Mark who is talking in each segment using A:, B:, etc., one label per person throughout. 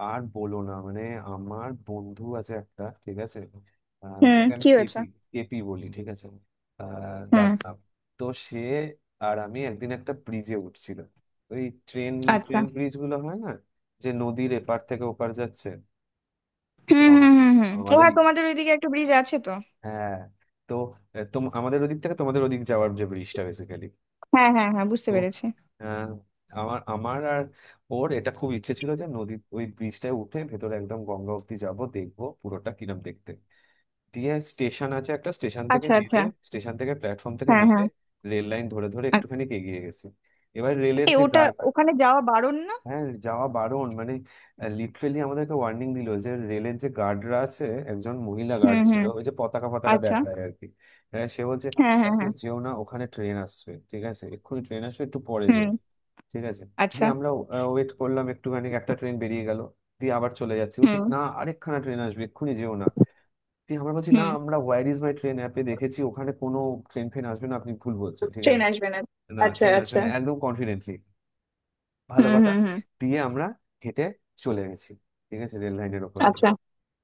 A: আর বলো না মানে আমার বন্ধু আছে একটা, ঠিক আছে?
B: হুম।
A: তাকে আমি
B: কি হয়েছে?
A: কেপি, কেপি বলি, ঠিক আছে?
B: হুম।
A: ডাকনাম। তো সে আর আমি একদিন একটা ব্রিজে উঠছিল, ওই ট্রেন,
B: আচ্ছা।
A: ট্রেন ব্রিজ গুলো হয় না, যে নদীর এপার থেকে ওপার যাচ্ছে? তো
B: হুম হুম হুম হুম, ও হ্যাঁ,
A: আমাদেরই,
B: তোমাদের ওইদিকে একটা ব্রিজ আছে তো?
A: হ্যাঁ। তো আমাদের ওদিক থেকে তোমাদের ওদিক যাওয়ার যে ব্রিজটা বেসিক্যালি।
B: হ্যাঁ হ্যাঁ হ্যাঁ, বুঝতে
A: তো,
B: পেরেছি।
A: আহ, আমার আমার আর ওর এটা খুব ইচ্ছে ছিল, যে নদীর ওই ব্রিজটায় উঠে ভেতরে একদম গঙ্গা অবধি যাবো, দেখবো পুরোটা কিরম দেখতে। দিয়ে স্টেশন আছে একটা, স্টেশন থেকে
B: আচ্ছা আচ্ছা।
A: নেমে, স্টেশন থেকে প্ল্যাটফর্ম থেকে
B: হ্যাঁ
A: নেমে
B: হ্যাঁ।
A: রেল লাইন ধরে ধরে
B: আচ্ছা।
A: একটুখানি এগিয়ে গেছি। এবার রেলের
B: এ,
A: যে,
B: ওটা ওখানে যাওয়া বারণ না?
A: হ্যাঁ যাওয়া বারণ, মানে লিটারেলি আমাদেরকে ওয়ার্নিং দিল, যে রেলের যে গার্ডরা আছে, একজন মহিলা
B: হুম
A: গার্ড ছিল
B: হুম।
A: ওই যে পতাকা পতাকা
B: আচ্ছা।
A: দেখায় আর কি। হ্যাঁ সে বলছে
B: হ্যাঁ হ্যাঁ
A: এখন
B: হ্যাঁ।
A: যেও না ওখানে, ট্রেন আসবে, ঠিক আছে, এক্ষুনি ট্রেন আসবে, একটু পরে
B: হুম।
A: যেও। ঠিক আছে।
B: আচ্ছা।
A: দিয়ে আমরা ওয়েট করলাম একটুখানি, একটা ট্রেন বেরিয়ে গেল। দিয়ে আবার চলে যাচ্ছি, বলছি
B: হুম
A: না আরেকখানা ট্রেন আসবে এক্ষুনি, যেও না। দিয়ে আমরা বলছি না,
B: হুম।
A: আমরা হোয়ার ইজ মাই ট্রেন অ্যাপে দেখেছি ওখানে কোনো ট্রেন ফেন আসবে না, আপনি ভুল বলছেন, ঠিক
B: ট্রেন
A: আছে।
B: আসবে না?
A: না
B: আচ্ছা
A: ট্রেন আসবে
B: আচ্ছা।
A: না, একদম কনফিডেন্টলি। ভালো
B: হুম
A: কথা।
B: হুম হুম।
A: দিয়ে আমরা হেঁটে চলে গেছি, ঠিক আছে, রেল লাইনের ওপর দিয়ে।
B: আচ্ছা।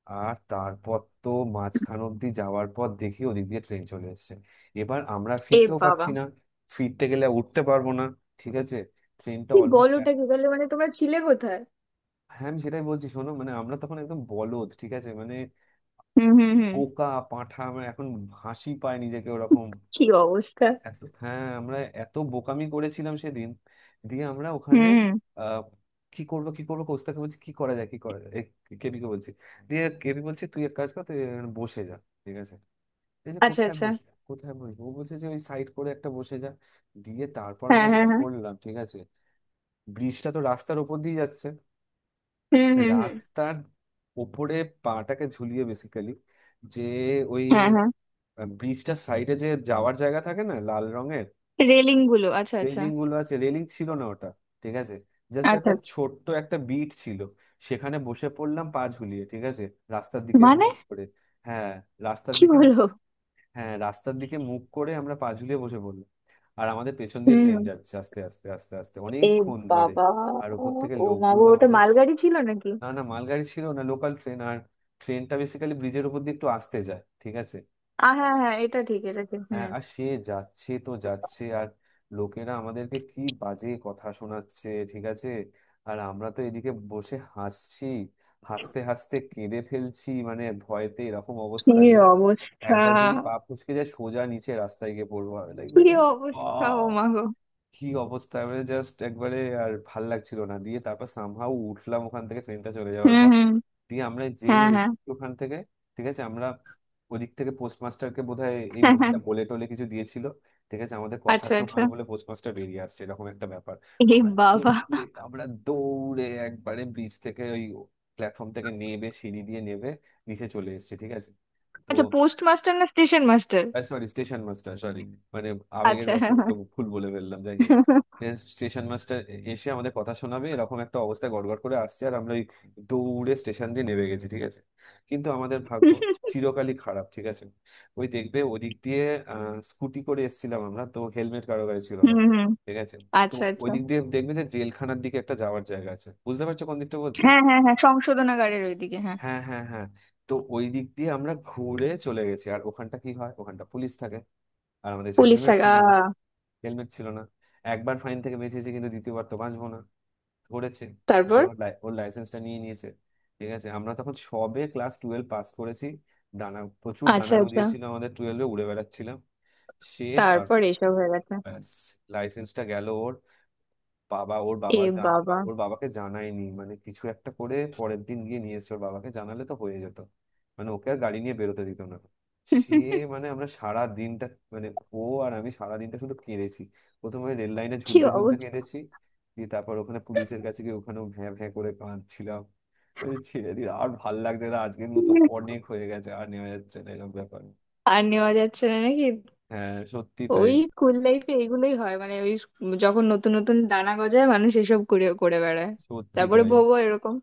A: আর তারপর তো মাঝখান অব্দি যাওয়ার পর দেখি ওদিক দিয়ে ট্রেন চলে এসেছে। এবার আমরা
B: এ
A: ফিরতেও
B: বাবা!
A: পারছি না, ফিরতে গেলে উঠতে পারবো না, ঠিক আছে? ট্রেনটা
B: কি
A: অলমোস্ট
B: বলো,
A: প্যাক।
B: ওটা কি তাহলে, মানে তোমরা ছিলে কোথায়?
A: হ্যাঁ আমি সেটাই বলছি, শোনো মানে আমরা তখন একদম বলদ, ঠিক আছে? মানে
B: হুম হুম হুম।
A: পোকা পাঁঠা, আমরা এখন হাসি পায় নিজেকে ওরকম।
B: কি অবস্থা!
A: এত, হ্যাঁ আমরা এত বোকামি করেছিলাম সেদিন। দিয়ে আমরা
B: হুম
A: ওখানে
B: হুম।
A: আহ, কি করবো কি করবো, কোস্তাকে বলছি কি করা যায় কি করা যায়, কেবি কে বলছি। দিয়ে কেবি বলছে তুই এক কাজ কর, তুই এখানে বসে যা, ঠিক আছে? এই যে
B: আচ্ছা
A: কোথায়
B: আচ্ছা।
A: বসবো কোথায় বসবো, ও বলছে যে ওই সাইড করে একটা বসে যা। দিয়ে তারপর
B: হ্যাঁ
A: আমরা
B: হ্যাঁ
A: যেটা
B: হ্যাঁ।
A: করলাম, ঠিক আছে, ব্রিজটা তো রাস্তার ওপর দিয়ে যাচ্ছে।
B: হুম হুম হুম।
A: রাস্তার ওপরে পাটাকে ঝুলিয়ে বেসিক্যালি, যে ওই
B: হ্যাঁ হ্যাঁ।
A: ব্রিজটার সাইডে যে যাওয়ার জায়গা থাকে না, লাল রঙের
B: রেলিং গুলো, আচ্ছা আচ্ছা।
A: রেলিং গুলো আছে, রেলিং ছিল না ওটা, ঠিক আছে। জাস্ট একটা
B: আচ্ছা।
A: ছোট্ট একটা বিট ছিল, সেখানে বসে পড়লাম পা ঝুলিয়ে, ঠিক আছে, রাস্তার দিকে
B: মানে?
A: মুখ করে। হ্যাঁ রাস্তার
B: কি
A: দিকে।
B: বলো!
A: হ্যাঁ রাস্তার দিকে মুখ করে আমরা পা ঝুলিয়ে বসে পড়লাম। আর আমাদের পেছন দিয়ে ট্রেন
B: হুম।
A: যাচ্ছে আস্তে আস্তে আস্তে আস্তে
B: এ
A: অনেকক্ষণ ধরে।
B: বাবা!
A: আর ওপর থেকে
B: ও মা গো,
A: লোকগুলো
B: ওটা
A: আমাদের,
B: মালগাড়ি ছিল নাকি?
A: না না মালগাড়ি ছিল না, লোকাল ট্রেন। আর ট্রেনটা বেসিক্যালি ব্রিজের উপর দিয়ে একটু আসতে যায়, ঠিক আছে।
B: আ হ্যাঁ হ্যাঁ, এটা ঠিক, এটা ঠিক।
A: হ্যাঁ
B: হুম।
A: আর সে যাচ্ছে তো যাচ্ছে, আর লোকেরা আমাদেরকে কি বাজে কথা শোনাচ্ছে, ঠিক আছে। আর আমরা তো এদিকে বসে হাসছি, হাসতে হাসতে কেঁদে ফেলছি, মানে ভয়তে এরকম অবস্থা,
B: কি
A: যে
B: অবস্থা!
A: একবার যদি পা ফসকে যায় সোজা নিচে রাস্তায় গিয়ে পড়বো, লাইক
B: কি অবস্থা, ও মা গো!
A: কি অবস্থা, মানে জাস্ট একবারে আর ভাল লাগছিল না। দিয়ে তারপর সামহাউ উঠলাম ওখান থেকে, ট্রেনটা চলে
B: হুম
A: যাওয়ার পর।
B: হুম।
A: দিয়ে আমরা যেই
B: হ্যাঁ হ্যাঁ।
A: এসেছি ওখান থেকে, ঠিক আছে, আমরা ওদিক থেকে, পোস্টমাস্টারকে বোধহয় এই
B: হ্যাঁ, হ্যাঁ।
A: মহিলা বলে টলে কিছু দিয়েছিল, ঠিক আছে, আমাদের কথা
B: আচ্ছা আচ্ছা।
A: শোনাবে বলে পোস্টমাস্টার বেরিয়ে আসছে এরকম একটা ব্যাপার।
B: এ
A: আমরা
B: বাবা!
A: দৌড়ে, আমরা দৌড়ে একবারে ব্রিজ থেকে ওই প্ল্যাটফর্ম থেকে নেবে, সিঁড়ি দিয়ে নেবে নিচে চলে এসেছি, ঠিক আছে। তো
B: আচ্ছা, পোস্ট মাস্টার না station master?
A: Sorry station master, sorry, মানে আবেগের
B: আচ্ছা, হ্যাঁ
A: বশবর্ত
B: হ্যাঁ।
A: ভুল বলে ফেললাম, যাই হোক। স্টেশন মাস্টার এসে আমাদের কথা শোনাবে এরকম একটা অবস্থায় গড়গড় করে আসছে, আর আমরা ওই দৌড়ে স্টেশন দিয়ে নেমে গেছি, ঠিক আছে। কিন্তু আমাদের ভাগ্য চিরকালই খারাপ, ঠিক আছে। ওই দেখবে ওদিক দিয়ে, আহ স্কুটি করে এসেছিলাম আমরা, তো হেলমেট কারো গায়ে ছিল না,
B: হুম হুম।
A: ঠিক আছে। তো
B: আচ্ছা
A: ওই
B: আচ্ছা।
A: দিক দিয়ে দেখবে যে জেলখানার দিকে একটা যাওয়ার জায়গা আছে, বুঝতে পারছো কোন দিকটা বলছি?
B: হ্যাঁ হ্যাঁ হ্যাঁ, সংশোধনাগারের ওইদিকে, হ্যাঁ।
A: হ্যাঁ হ্যাঁ হ্যাঁ। তো ওই দিক দিয়ে আমরা ঘুরে চলে গেছি, আর ওখানটা কি হয়, ওখানটা পুলিশ থাকে। আর আমাদের যে
B: পুলিশ
A: হেলমেট
B: থাকা?
A: ছিল না, হেলমেট ছিল না, একবার ফাইন থেকে বেঁচেছি কিন্তু দ্বিতীয়বার তো বাঁচবো না। ধরেছে, ধরে
B: তারপর?
A: ওর লাইসেন্সটা নিয়ে নিয়েছে, ঠিক আছে। আমরা তখন সবে ক্লাস 12 পাস করেছি, ডানা প্রচুর
B: আচ্ছা
A: ডানা
B: আচ্ছা।
A: গজিয়েছিল আমাদের, 12-এ উড়ে বেড়াচ্ছিলাম। সে
B: তারপর
A: তারপর
B: এসব হয়ে গেছে?
A: লাইসেন্সটা গেল, বাবা ওর
B: এ
A: বাবা জান,
B: বাবা!
A: ওর বাবাকে জানায়নি, মানে কিছু একটা করে পরের দিন গিয়ে নিয়ে এসেছে। ওর বাবাকে জানালে তো হয়ে যেত, মানে ওকে আর গাড়ি নিয়ে বেরোতে দিত না। সে মানে আমরা সারা দিনটা, মানে ও আর আমি সারা দিনটা শুধু কেঁদেছি। প্রথমে রেল লাইনে
B: কি
A: ঝুলতে ঝুলতে
B: অবস্থা!
A: কেঁদেছি, দিয়ে তারপর ওখানে পুলিশের কাছে গিয়ে ওখানেও ভ্যাঁ ভ্যাঁ করে কাঁদছিলাম। এই ছেড়ে দিই আর ভাল লাগছে না, আজকের মতো অনেক হয়ে গেছে, আর নেওয়া যাচ্ছে না এরকম ব্যাপার।
B: আর নেওয়া যাচ্ছে না নাকি?
A: হ্যাঁ সত্যি তাই।
B: ওই স্কুল লাইফে এগুলোই হয়, মানে ওই যখন নতুন নতুন ডানা গজায় মানুষ এসব করে করে বেড়ায়।
A: সত্যি
B: তারপরে
A: তাই,
B: ভোগও এরকম।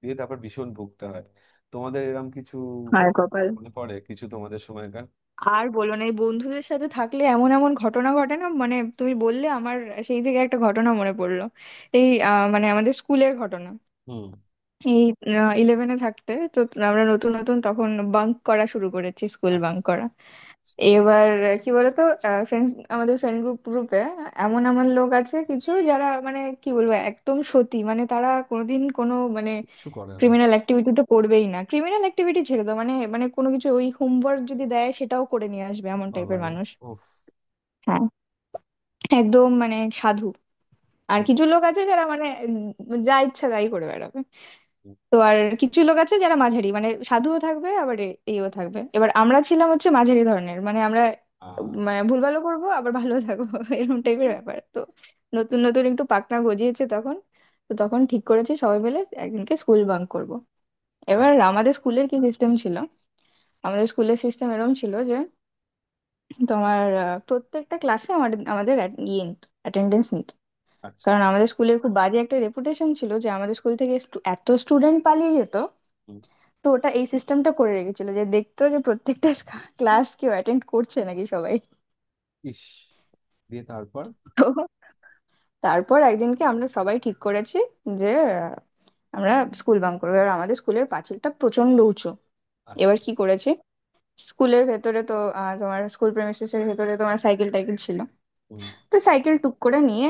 A: দিয়ে তারপর ভীষণ ভুগতে হয়। তোমাদের এরম কিছু
B: হায় কপাল!
A: মনে পড়ে কিছু, তোমাদের সময়কার?
B: আর বলো না, এই বন্ধুদের সাথে থাকলে এমন এমন ঘটনা ঘটে না, মানে তুমি বললে আমার সেই থেকে একটা ঘটনা মনে পড়লো। এই মানে আমাদের স্কুলের ঘটনা।
A: হুম।
B: এই ইলেভেনে থাকতে তো আমরা নতুন নতুন তখন বাঙ্ক করা শুরু করেছি, স্কুল
A: আচ্ছা,
B: বাঙ্ক করা।
A: আচ্ছা।
B: এবার কি বলতো, ফ্রেন্ডস, আমাদের ফ্রেন্ড গ্রুপ গ্রুপে এমন এমন লোক আছে কিছু যারা, মানে কি বলবো, একদম সতী, মানে তারা কোনোদিন কোনো মানে
A: কিচ্ছু করে না।
B: ক্রিমিনাল অ্যাক্টিভিটিতে পড়বেই না, ক্রিমিনাল অ্যাক্টিভিটি ছেড়ে দাও, মানে মানে কোনো কিছু ওই হোমওয়ার্ক যদি দেয় সেটাও করে নিয়ে আসবে, এমন টাইপের
A: বাবারে,
B: মানুষ।
A: ওফ।
B: হ্যাঁ, একদম মানে সাধু। আর
A: হুম,
B: কিছু লোক আছে যারা মানে যা ইচ্ছা তাই করে বেড়াবে।
A: হুম,
B: তো আর কিছু লোক আছে যারা মাঝারি, মানে সাধুও থাকবে আবার ইয়েও থাকবে। এবার আমরা ছিলাম হচ্ছে মাঝারি ধরনের, মানে আমরা
A: আ,
B: মানে ভুলভালও করবো আবার ভালো থাকবো এরকম টাইপের ব্যাপার তো। নতুন নতুন একটু পাকনা গজিয়েছে তখন। তো তখন ঠিক করেছি সবাই মিলে একদিনকে স্কুল বাঙ্ক করব। এবার
A: আচ্ছা
B: আমাদের স্কুলের কি সিস্টেম ছিল? আমাদের স্কুলের সিস্টেম এরকম ছিল যে তোমার প্রত্যেকটা ক্লাসে আমাদের আমাদের ইয়ে অ্যাটেন্ডেন্স নিত।
A: আচ্ছা,
B: কারণ আমাদের স্কুলের খুব বাজে একটা রেপুটেশন ছিল যে আমাদের স্কুল থেকে এত স্টুডেন্ট পালিয়ে যেত।
A: হুম,
B: তো ওটা এই সিস্টেমটা করে রেখেছিল যে দেখতো যে প্রত্যেকটা
A: হুম, ইস। দিয়ে তারপর
B: ক্লাস কেউ অ্যাটেন্ড করছে নাকি সবাই। তো তারপর একদিনকে আমরা সবাই ঠিক করেছি যে আহ, আমরা স্কুল বাঙ্ক করবো। এবার আমাদের স্কুলের পাঁচিলটা প্রচন্ড উঁচু। এবার
A: আচ্ছা
B: কি করেছি, স্কুলের ভেতরে তো তোমার স্কুল প্রেমিসেস এর ভেতরে তোমার সাইকেল টাইকেল ছিল,
A: হুম,
B: তো সাইকেল টুক করে নিয়ে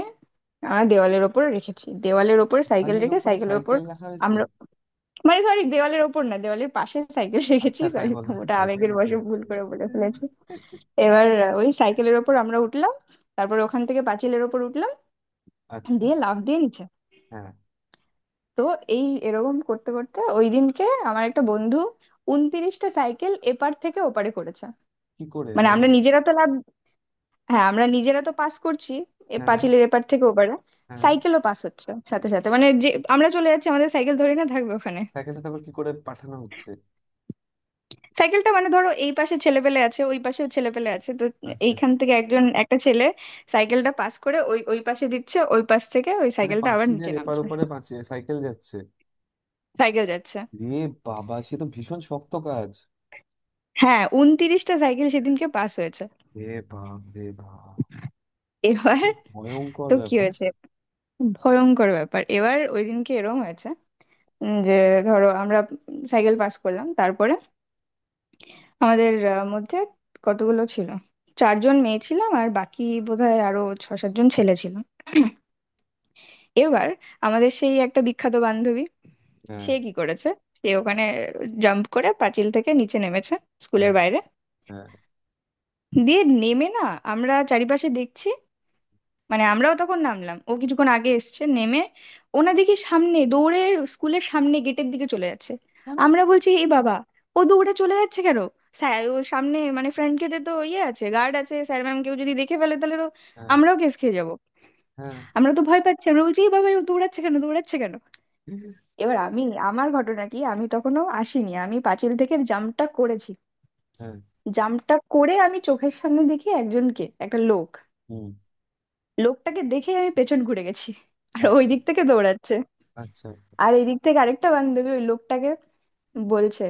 B: আমরা দেওয়ালের ওপর রেখেছি, দেওয়ালের ওপর সাইকেল
A: বালির
B: রেখে
A: উপরে
B: সাইকেলের ওপর
A: সাইকেল রাখা হয়েছে?
B: আমরা, মানে সরি, দেওয়ালের ওপর না, দেওয়ালের পাশে সাইকেল রেখেছি,
A: আচ্ছা, তাই
B: সরি,
A: বলো, আমি
B: ওটা
A: ভয় পেয়ে
B: আবেগের
A: গেছি।
B: বশে ভুল করে বলে ফেলেছি। এবার ওই সাইকেলের ওপর আমরা উঠলাম, তারপর ওখান থেকে পাঁচিলের ওপর উঠলাম,
A: আচ্ছা।
B: দিয়ে লাফ দিয়ে নিচে।
A: হ্যাঁ।
B: তো এই এরকম করতে করতে ওই দিনকে আমার একটা বন্ধু 29টা সাইকেল এপার থেকে ওপারে করেছে।
A: কি করে
B: মানে
A: মানে?
B: আমরা নিজেরা তো লাভ, হ্যাঁ আমরা নিজেরা তো পাস করছি এ
A: হ্যাঁ,
B: পাঁচিলের এপার থেকে ওপারে,
A: হ্যাঁ।
B: সাইকেলও পাস হচ্ছে সাথে সাথে, মানে যে আমরা চলে যাচ্ছি, আমাদের সাইকেল ধরে না থাকবে ওখানে।
A: সাইকেলটা তারপর কি করে পাঠানো হচ্ছে?
B: সাইকেলটা মানে ধরো এই পাশে ছেলেপেলে আছে, ওই পাশেও ছেলেপেলে আছে, তো
A: আচ্ছা,
B: এইখান থেকে একজন একটা ছেলে সাইকেলটা পাস করে ওই ওই পাশে দিচ্ছে, ওই পাশ থেকে ওই
A: মানে
B: সাইকেলটা আবার নিচে
A: পাঁচিলের এপার
B: নামছে।
A: ওপারে পাঁচিল সাইকেল যাচ্ছে?
B: সাইকেল যাচ্ছে।
A: রে বাবা, সে তো ভীষণ শক্ত কাজ।
B: হ্যাঁ, 29টা সাইকেল সেদিনকে পাস হয়েছে।
A: রে বাপ রে বাপ,
B: এবার
A: ভয়ঙ্কর
B: তো কি
A: ব্যাপার।
B: হয়েছে, ভয়ঙ্কর ব্যাপার। এবার ওই দিনকে এরকম হয়েছে, যে ধরো আমরা সাইকেল পাস করলাম, তারপরে আমাদের মধ্যে কতগুলো ছিল, চারজন মেয়ে ছিলাম আর বাকি বোধহয় আরো ছ সাতজন ছেলে ছিল। এবার আমাদের সেই একটা বিখ্যাত বান্ধবী
A: হ্যাঁ
B: সে কি করেছে, সে ওখানে জাম্প করে পাঁচিল থেকে নিচে নেমেছে
A: হ্যাঁ
B: স্কুলের বাইরে।
A: হ্যাঁ।
B: দিয়ে নেমে না, আমরা চারিপাশে দেখছি, মানে আমরাও তখন নামলাম, ও কিছুক্ষণ আগে এসছে নেমে, ওনা দেখি সামনে দৌড়ে স্কুলের সামনে গেটের দিকে চলে যাচ্ছে।
A: কেন?
B: আমরা বলছি, এ বাবা, ও দৌড়ে চলে যাচ্ছে কেন, স্যার ও সামনে মানে ফ্রন্ট গেটে তো ইয়ে আছে, গার্ড আছে, স্যার ম্যাম কেউ যদি দেখে ফেলে তাহলে তো
A: হ্যাঁ
B: আমরাও কেস খেয়ে যাবো।
A: হ্যাঁ
B: আমরা তো ভয় পাচ্ছি, আমরা বলছি, এ বাবা ও দৌড়াচ্ছে কেন, দৌড়াচ্ছে কেন। এবার আমি, আমার ঘটনা কি, আমি তখনও আসিনি, আমি পাঁচিল থেকে জাম্পটা করেছি।
A: হ্যাঁ।
B: জাম্পটা করে আমি চোখের সামনে দেখি একজনকে, একটা লোক,
A: হুম।
B: লোকটাকে দেখে আমি পেছন ঘুরে গেছি। আর ওই
A: আচ্ছা
B: দিক থেকে দৌড়াচ্ছে,
A: আচ্ছা।
B: আর এই দিক থেকে আরেকটা বান্ধবী ওই লোকটাকে বলছে,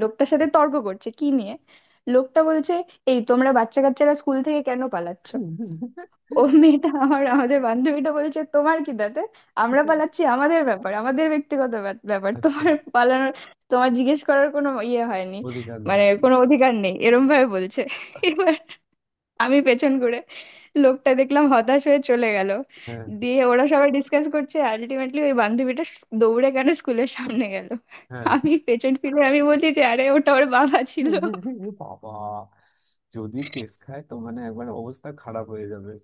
B: লোকটার সাথে তর্ক করছে, কি নিয়ে, লোকটা বলছে, এই তোমরা বাচ্চা কাচ্চারা স্কুল থেকে কেন পালাচ্ছ? ও মেয়েটা, আমার আমাদের বান্ধবীটা বলছে তোমার কি তাতে, আমরা পালাচ্ছি, আমাদের ব্যাপার, আমাদের ব্যক্তিগত ব্যাপার,
A: আচ্ছা,
B: তোমার পালানোর, তোমার জিজ্ঞেস করার কোনো ইয়ে হয়নি,
A: অধিকার নেই।
B: মানে কোনো অধিকার নেই এরম ভাবে বলছে। এবার আমি পেছন ঘুরে, লোকটা দেখলাম হতাশ হয়ে চলে গেল।
A: হ্যাঁ
B: দিয়ে ওরা সবাই ডিসকাস করছে আলটিমেটলি ওই বান্ধবীটা দৌড়ে কেন স্কুলের সামনে গেল।
A: হ্যাঁ।
B: আমি পেছন ফিরে আমি বলি যে আরে ওটা ওর বাবা ছিল।
A: এ বাবা, যদি কেস খায় তো মানে একবার অবস্থা খারাপ হয়ে যাবে।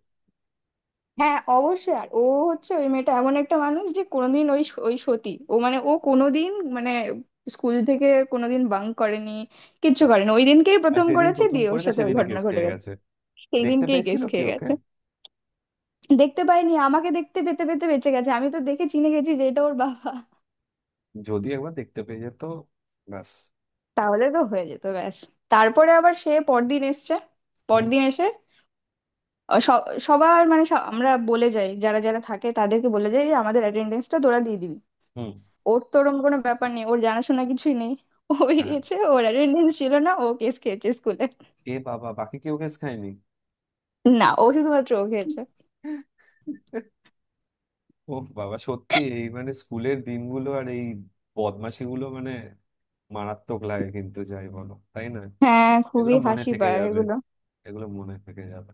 B: হ্যাঁ অবশ্যই। আর ও হচ্ছে, ওই মেয়েটা এমন একটা মানুষ যে কোনোদিন ওই ওই সতী ও, মানে ও কোনোদিন মানে স্কুল থেকে কোনোদিন বাঙ্ক করেনি, কিচ্ছু
A: রাখছি,
B: করেনি, ওই দিনকেই
A: আর
B: প্রথম
A: যেদিন
B: করেছে
A: প্রথম
B: দিয়ে ওর
A: করেছে
B: সাথে ওই
A: সেদিনই
B: ঘটনা
A: কেস
B: ঘটে
A: খেয়ে
B: গেছে।
A: গেছে।
B: সেই
A: দেখতে
B: দিনকেই
A: পেয়েছিল
B: কেস
A: কি
B: খেয়ে
A: ওকে?
B: গেছে। দেখতে পাইনি, আমাকে দেখতে পেতে পেতে বেঁচে গেছে, আমি তো দেখে চিনে গেছি যে এটা ওর বাবা।
A: যদি একবার দেখতে পেয়ে যেত ব্যাস।
B: তাহলে তো হয়ে যেত ব্যাস। তারপরে আবার সে পরদিন এসছে,
A: হুম।
B: পরদিন এসে সবার মানে আমরা বলে যাই, যারা যারা থাকে তাদেরকে বলে যাই যে আমাদের অ্যাটেন্ডেন্সটা তোরা দিয়ে দিবি।
A: হুম।
B: ওর তো ওরকম কোনো ব্যাপার নেই, ওর জানাশোনা কিছুই নেই, ও
A: হ্যাঁ।
B: বেরিয়েছে, ওর অ্যাটেন্ডেন্স ছিল না, ও কেস খেয়েছে স্কুলে।
A: এ বাবা, বাকি কেউ কেস খায়নি?
B: না, ও শুধুমাত্র ও খেয়েছে।
A: ও বাবা সত্যি, এই মানে স্কুলের দিনগুলো আর এই বদমাশিগুলো, মানে মারাত্মক লাগে কিন্তু, যাই বলো তাই না?
B: হ্যাঁ
A: এগুলো
B: খুবই
A: মনে
B: হাসি
A: থেকে
B: পায়
A: যাবে।
B: এগুলো।
A: এগুলো মনে থেকে যাবে।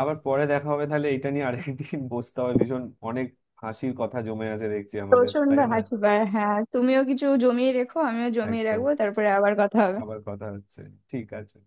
A: আবার পরে দেখা হবে তাহলে, এটা নিয়ে আরেকদিন বসতে হবে, ভীষণ অনেক হাসির কথা জমে আছে দেখছি আমাদের,
B: প্রচন্ড
A: তাই না?
B: হাসি পায়, হ্যাঁ তুমিও কিছু জমিয়ে রেখো, আমিও জমিয়ে
A: একদম,
B: রাখবো, তারপরে আবার কথা হবে।
A: আবার কথা হচ্ছে, ঠিক আছে।